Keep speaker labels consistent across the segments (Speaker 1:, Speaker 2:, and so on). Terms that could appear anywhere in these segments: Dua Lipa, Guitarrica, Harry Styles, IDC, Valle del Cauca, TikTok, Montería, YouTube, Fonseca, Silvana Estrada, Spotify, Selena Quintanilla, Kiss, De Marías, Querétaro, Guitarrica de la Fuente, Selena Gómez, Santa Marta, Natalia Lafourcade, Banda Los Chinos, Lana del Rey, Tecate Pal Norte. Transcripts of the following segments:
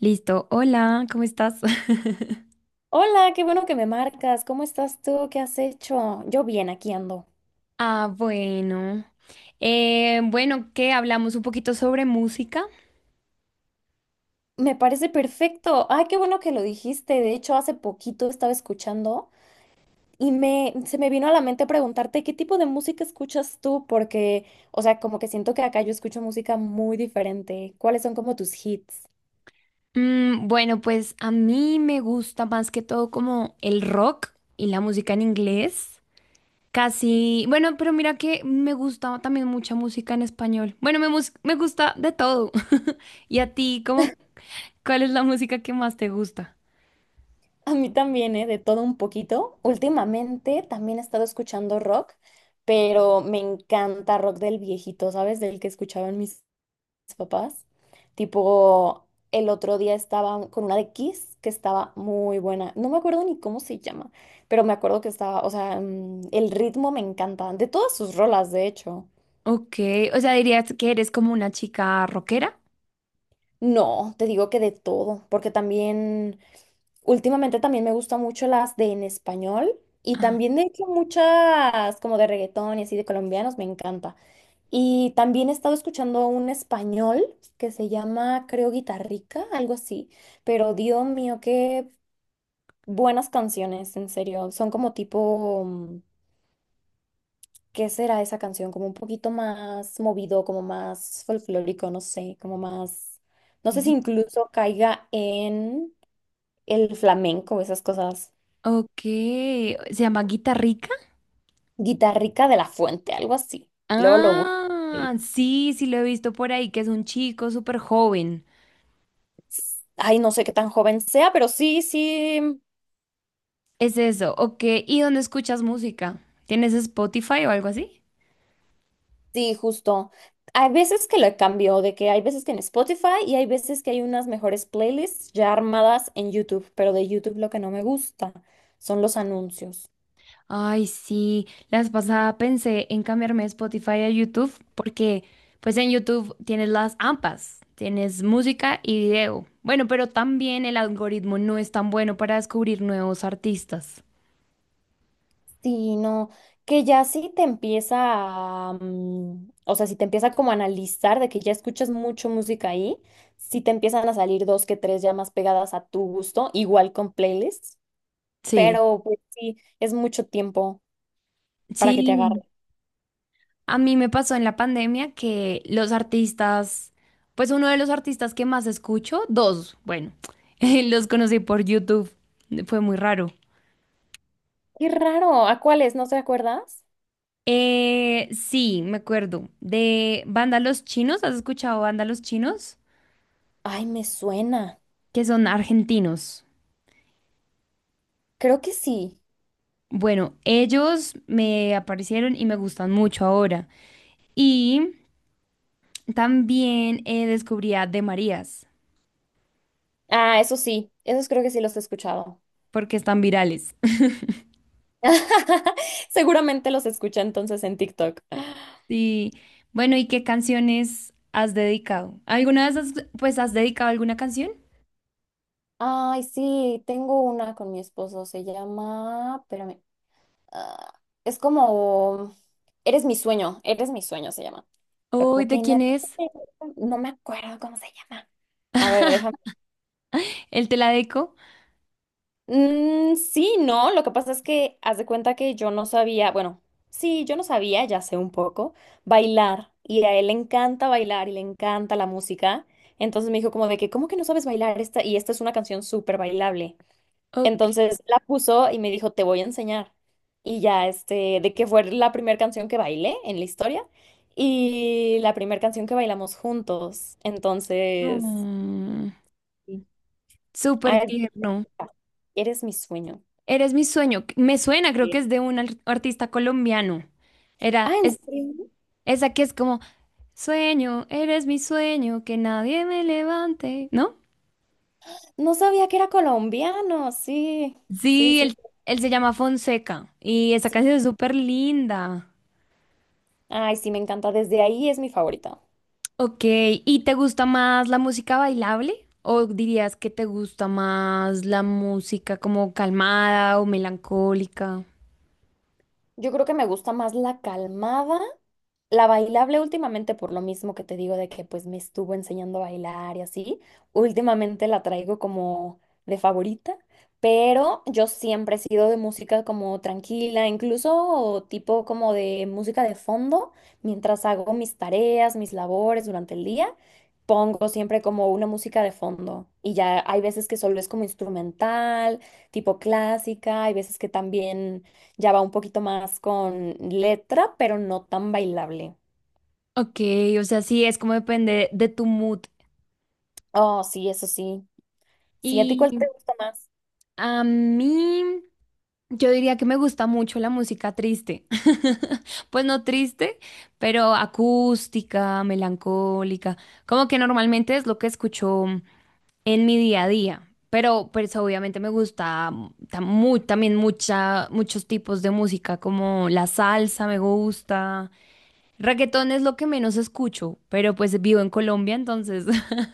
Speaker 1: Listo. Hola, ¿cómo estás?
Speaker 2: Hola, qué bueno que me marcas. ¿Cómo estás tú? ¿Qué has hecho? Yo bien, aquí ando.
Speaker 1: Ah, bueno. Bueno, ¿Qué? Hablamos un poquito sobre música.
Speaker 2: Me parece perfecto. Ay, qué bueno que lo dijiste. De hecho, hace poquito estaba escuchando y me se me vino a la mente preguntarte qué tipo de música escuchas tú, porque, o sea, como que siento que acá yo escucho música muy diferente. ¿Cuáles son como tus hits?
Speaker 1: Mm, bueno, pues a mí me gusta más que todo como el rock y la música en inglés. Casi, bueno, pero mira que me gusta también mucha música en español. Bueno, me gusta de todo. ¿Y a ti, cuál es la música que más te gusta?
Speaker 2: A mí también, ¿eh? De todo un poquito. Últimamente también he estado escuchando rock, pero me encanta rock del viejito, ¿sabes? Del que escuchaba en mis papás. Tipo, el otro día estaba con una de Kiss que estaba muy buena. No me acuerdo ni cómo se llama, pero me acuerdo que estaba, o sea, el ritmo me encanta. De todas sus rolas, de hecho.
Speaker 1: Ok, o sea, dirías que eres como una chica rockera.
Speaker 2: No, te digo que de todo, porque también, últimamente también me gustan mucho las de en español y
Speaker 1: Ajá.
Speaker 2: también de hecho muchas como de reggaetón y así de colombianos, me encanta. Y también he estado escuchando un español que se llama, creo, Guitarrica, algo así. Pero Dios mío, qué buenas canciones, en serio. Son como tipo, ¿qué será esa canción? Como un poquito más movido, como más folclórico, no sé, como más... No sé si incluso caiga en el flamenco, esas cosas.
Speaker 1: Ok, ¿se llama Guitarrica?
Speaker 2: Guitarrica de la Fuente, algo así. Luego lo busco. Sí.
Speaker 1: Ah, sí, sí lo he visto por ahí, que es un chico súper joven.
Speaker 2: Ay, no sé qué tan joven sea, pero sí, sí.
Speaker 1: Es eso, ok. ¿Y dónde escuchas música? ¿Tienes Spotify o algo así?
Speaker 2: Sí, justo. Hay veces que lo cambio, de que hay veces que en Spotify y hay veces que hay unas mejores playlists ya armadas en YouTube, pero de YouTube lo que no me gusta son los anuncios.
Speaker 1: Ay, sí, la vez pasada pensé en cambiarme de Spotify a YouTube porque pues en YouTube tienes las AMPAs, tienes música y video. Bueno, pero también el algoritmo no es tan bueno para descubrir nuevos artistas.
Speaker 2: Sí, no, que ya sí te empieza a, o sea, si te empieza como a analizar de que ya escuchas mucho música ahí, sí te empiezan a salir dos que tres ya más pegadas a tu gusto, igual con playlists,
Speaker 1: Sí.
Speaker 2: pero pues sí, es mucho tiempo para que te
Speaker 1: Sí.
Speaker 2: agarre.
Speaker 1: A mí me pasó en la pandemia que los artistas, pues uno de los artistas que más escucho, dos, bueno, los conocí por YouTube, fue muy raro.
Speaker 2: Qué raro, ¿a cuáles? ¿No te acuerdas?
Speaker 1: Sí, me acuerdo, de Banda Los Chinos, ¿has escuchado Banda Los Chinos?
Speaker 2: Ay, me suena.
Speaker 1: Que son argentinos.
Speaker 2: Creo que sí.
Speaker 1: Bueno, ellos me aparecieron y me gustan mucho ahora. Y también descubrí a De Marías,
Speaker 2: Ah, eso sí, esos creo que sí los he escuchado.
Speaker 1: porque están virales.
Speaker 2: Seguramente los escuché entonces en TikTok.
Speaker 1: Sí. Bueno, ¿y qué canciones has dedicado? ¿Alguna vez has, pues, has dedicado alguna canción?
Speaker 2: Ay, sí, tengo una con mi esposo, se llama, espérame, ah, es como, eres mi sueño se llama. Pero
Speaker 1: Uy,
Speaker 2: como
Speaker 1: ¿de
Speaker 2: que
Speaker 1: quién es?
Speaker 2: no me acuerdo cómo se llama. A ver, déjame.
Speaker 1: ¿El te la deco?
Speaker 2: Sí, no, lo que pasa es que haz de cuenta que yo no sabía, bueno, sí, yo no sabía, ya sé un poco, bailar. Y a él le encanta bailar y le encanta la música. Entonces me dijo como de que, ¿cómo que no sabes bailar esta? Y esta es una canción súper bailable.
Speaker 1: Ok.
Speaker 2: Entonces la puso y me dijo, te voy a enseñar. Y ya, de que fue la primera canción que bailé en la historia y la primera canción que bailamos juntos. Entonces,
Speaker 1: Mm,
Speaker 2: sí,
Speaker 1: súper
Speaker 2: ay,
Speaker 1: tierno.
Speaker 2: eres mi sueño.
Speaker 1: Eres mi sueño. Me suena, creo que es de un artista colombiano.
Speaker 2: Ah, ¿en
Speaker 1: Es,
Speaker 2: serio?
Speaker 1: esa que es como, sueño, eres mi sueño, que nadie me levante, ¿no?
Speaker 2: No sabía que era colombiano. Sí, sí,
Speaker 1: Sí,
Speaker 2: sí,
Speaker 1: él,
Speaker 2: sí,
Speaker 1: él se llama Fonseca y esa
Speaker 2: sí.
Speaker 1: canción es súper linda.
Speaker 2: Ay, sí, me encanta. Desde ahí es mi favorita.
Speaker 1: Ok, ¿y te gusta más la música bailable? ¿O dirías que te gusta más la música como calmada o melancólica?
Speaker 2: Yo creo que me gusta más la calmada. La bailable últimamente, por lo mismo que te digo de que pues me estuvo enseñando a bailar y así, últimamente la traigo como de favorita, pero yo siempre he sido de música como tranquila, incluso tipo como de música de fondo, mientras hago mis tareas, mis labores durante el día, pongo siempre como una música de fondo y ya hay veces que solo es como instrumental, tipo clásica, hay veces que también ya va un poquito más con letra, pero no tan bailable.
Speaker 1: Ok, o sea, sí, es como depende de tu mood.
Speaker 2: Oh, sí, eso sí. Sí, ¿a ti cuál te
Speaker 1: Y
Speaker 2: gusta más?
Speaker 1: a mí, yo diría que me gusta mucho la música triste. Pues no triste, pero acústica, melancólica. Como que normalmente es lo que escucho en mi día a día. Pero pues obviamente me gusta también muchos tipos de música, como la salsa me gusta. Reggaetón es lo que menos escucho, pero pues vivo en Colombia, entonces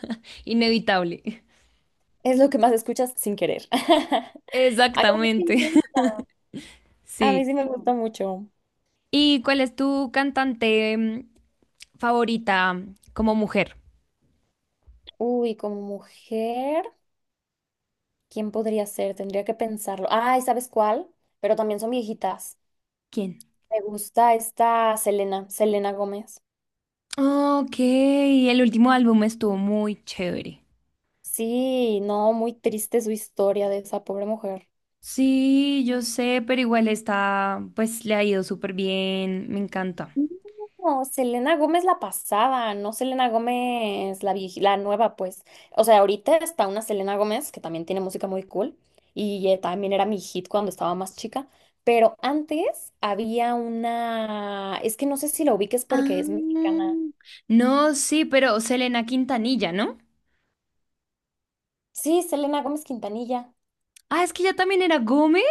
Speaker 1: inevitable.
Speaker 2: Es lo que más escuchas sin querer. Ay, a mí sí
Speaker 1: Exactamente.
Speaker 2: me gusta. A
Speaker 1: Sí.
Speaker 2: mí sí me gusta mucho.
Speaker 1: ¿Y cuál es tu cantante favorita como mujer?
Speaker 2: Uy, como mujer, ¿quién podría ser? Tendría que pensarlo. Ay, ¿sabes cuál? Pero también son viejitas.
Speaker 1: ¿Quién?
Speaker 2: Me gusta esta Selena, Selena Gómez.
Speaker 1: Ok, el último álbum estuvo muy chévere.
Speaker 2: Sí, no, muy triste su historia de esa pobre mujer.
Speaker 1: Sí, yo sé, pero igual está, pues le ha ido súper bien, me encanta.
Speaker 2: No, Selena Gómez la pasada, no Selena Gómez la la nueva, pues. O sea, ahorita está una Selena Gómez que también tiene música muy cool y también era mi hit cuando estaba más chica, pero antes había una, es que no sé si la ubiques porque es
Speaker 1: Ah,
Speaker 2: mexicana.
Speaker 1: no, sí, pero Selena Quintanilla, ¿no?
Speaker 2: Sí, Selena Gómez Quintanilla,
Speaker 1: Ah, es que ella también era Gómez.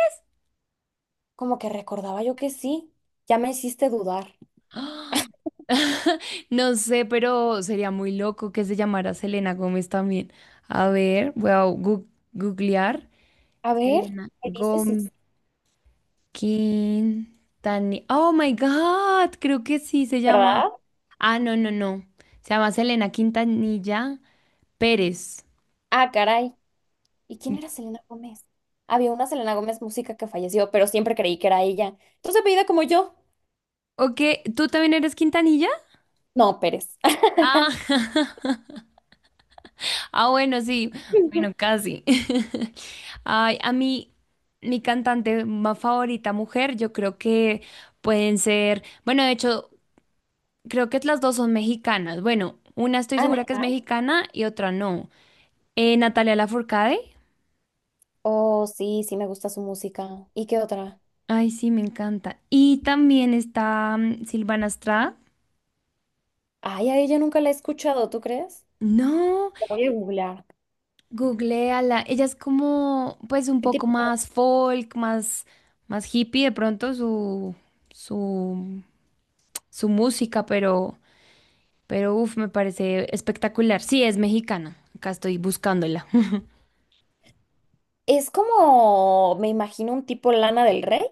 Speaker 2: como que recordaba yo que sí, ya me hiciste dudar.
Speaker 1: ¡Ah! No sé, pero sería muy loco que se llamara Selena Gómez también. A ver, googlear.
Speaker 2: A ver,
Speaker 1: Selena
Speaker 2: ¿qué dices? Sí, sí.
Speaker 1: Gómez Quintanilla. Oh my God, creo que sí se llama.
Speaker 2: ¿Verdad?
Speaker 1: Ah, no, no, no. Se llama Selena Quintanilla. Pérez.
Speaker 2: Ah, caray. ¿Y quién era Selena Gómez? Había una Selena Gómez música que falleció, pero siempre creí que era ella. Entonces, apellida como yo.
Speaker 1: Ok, ¿tú también eres Quintanilla?
Speaker 2: No, Pérez.
Speaker 1: Ah, ah, bueno, sí, bueno, casi. Ay, a mí, mi cantante más favorita mujer, yo creo que pueden ser, bueno, de hecho, creo que las dos son mexicanas. Bueno, una estoy
Speaker 2: Ah,
Speaker 1: segura que es
Speaker 2: ¿neta?
Speaker 1: mexicana y otra no. Natalia Lafourcade.
Speaker 2: Oh, sí, sí me gusta su música. ¿Y qué otra?
Speaker 1: Ay, sí, me encanta. Y también está Silvana Estrada.
Speaker 2: Ay, a ella nunca la he escuchado, ¿tú crees?
Speaker 1: No.
Speaker 2: La voy a googlear.
Speaker 1: Googleala. Ella es como, pues, un
Speaker 2: ¿Qué
Speaker 1: poco
Speaker 2: tipo?
Speaker 1: más folk, más, más hippie de pronto su, su música, pero uff, me parece espectacular. Sí, es mexicana. Acá estoy buscándola.
Speaker 2: Es como, me imagino, un tipo Lana del Rey.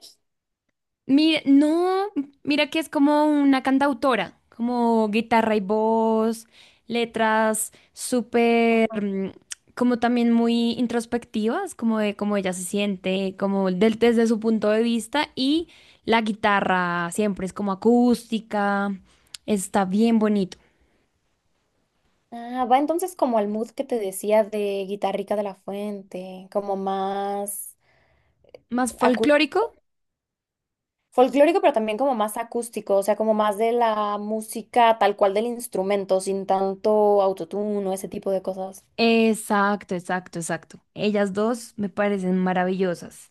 Speaker 1: Mira, no, mira que es como una cantautora, como guitarra y voz, letras súper, como también muy introspectivas, como de cómo ella se siente, como desde su punto de vista y la guitarra siempre es como acústica, está bien bonito.
Speaker 2: Ah, va entonces como al mood que te decía de Guitarrica de la Fuente, como más
Speaker 1: Más
Speaker 2: acústico.
Speaker 1: folclórico,
Speaker 2: Folclórico, pero también como más acústico, o sea, como más de la música tal cual del instrumento, sin tanto autotune o ese tipo de cosas.
Speaker 1: exacto, exacto, exacto. Ellas dos me parecen maravillosas.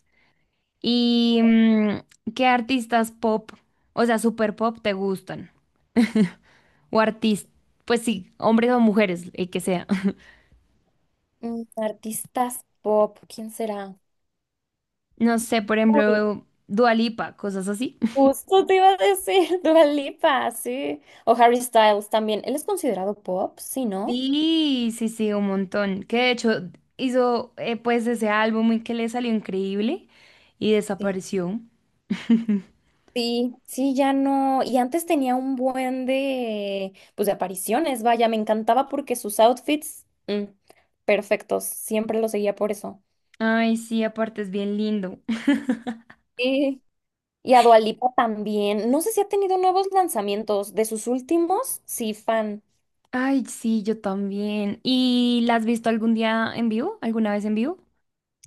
Speaker 1: ¿Y qué artistas pop, o sea, super pop, te gustan? O artistas, pues sí, hombres o mujeres, el que sea.
Speaker 2: Artistas pop, ¿quién será?
Speaker 1: No sé, por
Speaker 2: Uy,
Speaker 1: ejemplo, Dua Lipa, cosas así.
Speaker 2: justo te iba a decir, Dua Lipa, sí. O Harry Styles también. Él es considerado pop, sí, ¿no?
Speaker 1: Sí, sí, sí, un montón. Que de hecho hizo pues ese álbum y que le salió increíble y
Speaker 2: Sí.
Speaker 1: desapareció.
Speaker 2: Sí, sí, ya no. Y antes tenía un buen de, pues, de apariciones, vaya, me encantaba porque sus outfits, perfectos, siempre lo seguía por eso.
Speaker 1: Ay, sí, aparte es bien lindo.
Speaker 2: Sí. Y a Dua Lipa también. No sé si ha tenido nuevos lanzamientos. De sus últimos, sí, fan.
Speaker 1: Ay, sí, yo también. ¿Y la has visto algún día en vivo? ¿Alguna vez en vivo?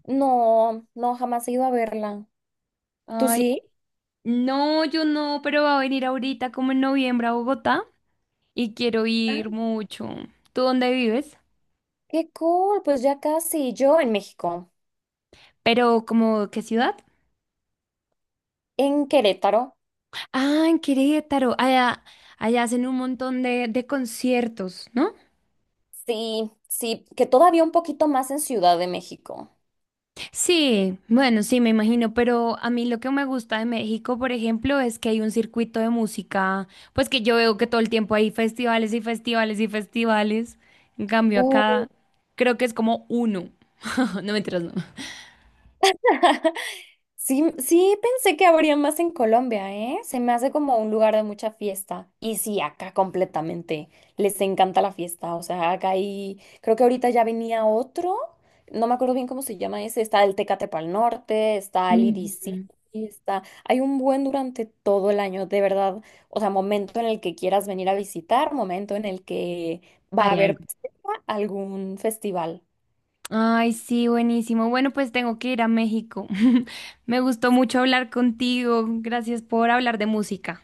Speaker 2: No, no, jamás he ido a verla. ¿Tú
Speaker 1: Ay,
Speaker 2: sí?
Speaker 1: no, yo no, pero va a venir ahorita como en noviembre a Bogotá y quiero
Speaker 2: Ah,
Speaker 1: ir mucho. ¿Tú dónde vives?
Speaker 2: qué cool, pues ya casi. Yo en México,
Speaker 1: Pero como, ¿qué ciudad?
Speaker 2: en Querétaro.
Speaker 1: Ah, en Querétaro. Allá, allá hacen un montón de conciertos, ¿no?
Speaker 2: Sí, sí, que todavía un poquito más en Ciudad de México.
Speaker 1: Sí, bueno, sí, me imagino, pero a mí lo que me gusta de México, por ejemplo, es que hay un circuito de música, pues que yo veo que todo el tiempo hay festivales y festivales y festivales. En cambio, acá creo que es como uno. No, mentiras, no.
Speaker 2: Sí, sí pensé que habría más en Colombia, ¿eh? Se me hace como un lugar de mucha fiesta. Y sí, acá completamente. Les encanta la fiesta. O sea, acá hay, creo que ahorita ya venía otro. No me acuerdo bien cómo se llama ese. Está el Tecate Pal Norte, está el IDC,
Speaker 1: Ujú.
Speaker 2: está. Hay un buen durante todo el año, de verdad. O sea, momento en el que quieras venir a visitar, momento en el que va a
Speaker 1: Hay
Speaker 2: haber
Speaker 1: algo.
Speaker 2: algún festival.
Speaker 1: Ay, sí, buenísimo. Bueno, pues tengo que ir a México. Me gustó mucho hablar contigo. Gracias por hablar de música.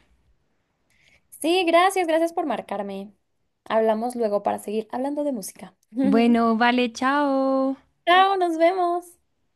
Speaker 2: Sí, gracias, gracias por marcarme. Hablamos luego para seguir hablando de música.
Speaker 1: Bueno, vale, chao.
Speaker 2: Chao, nos vemos.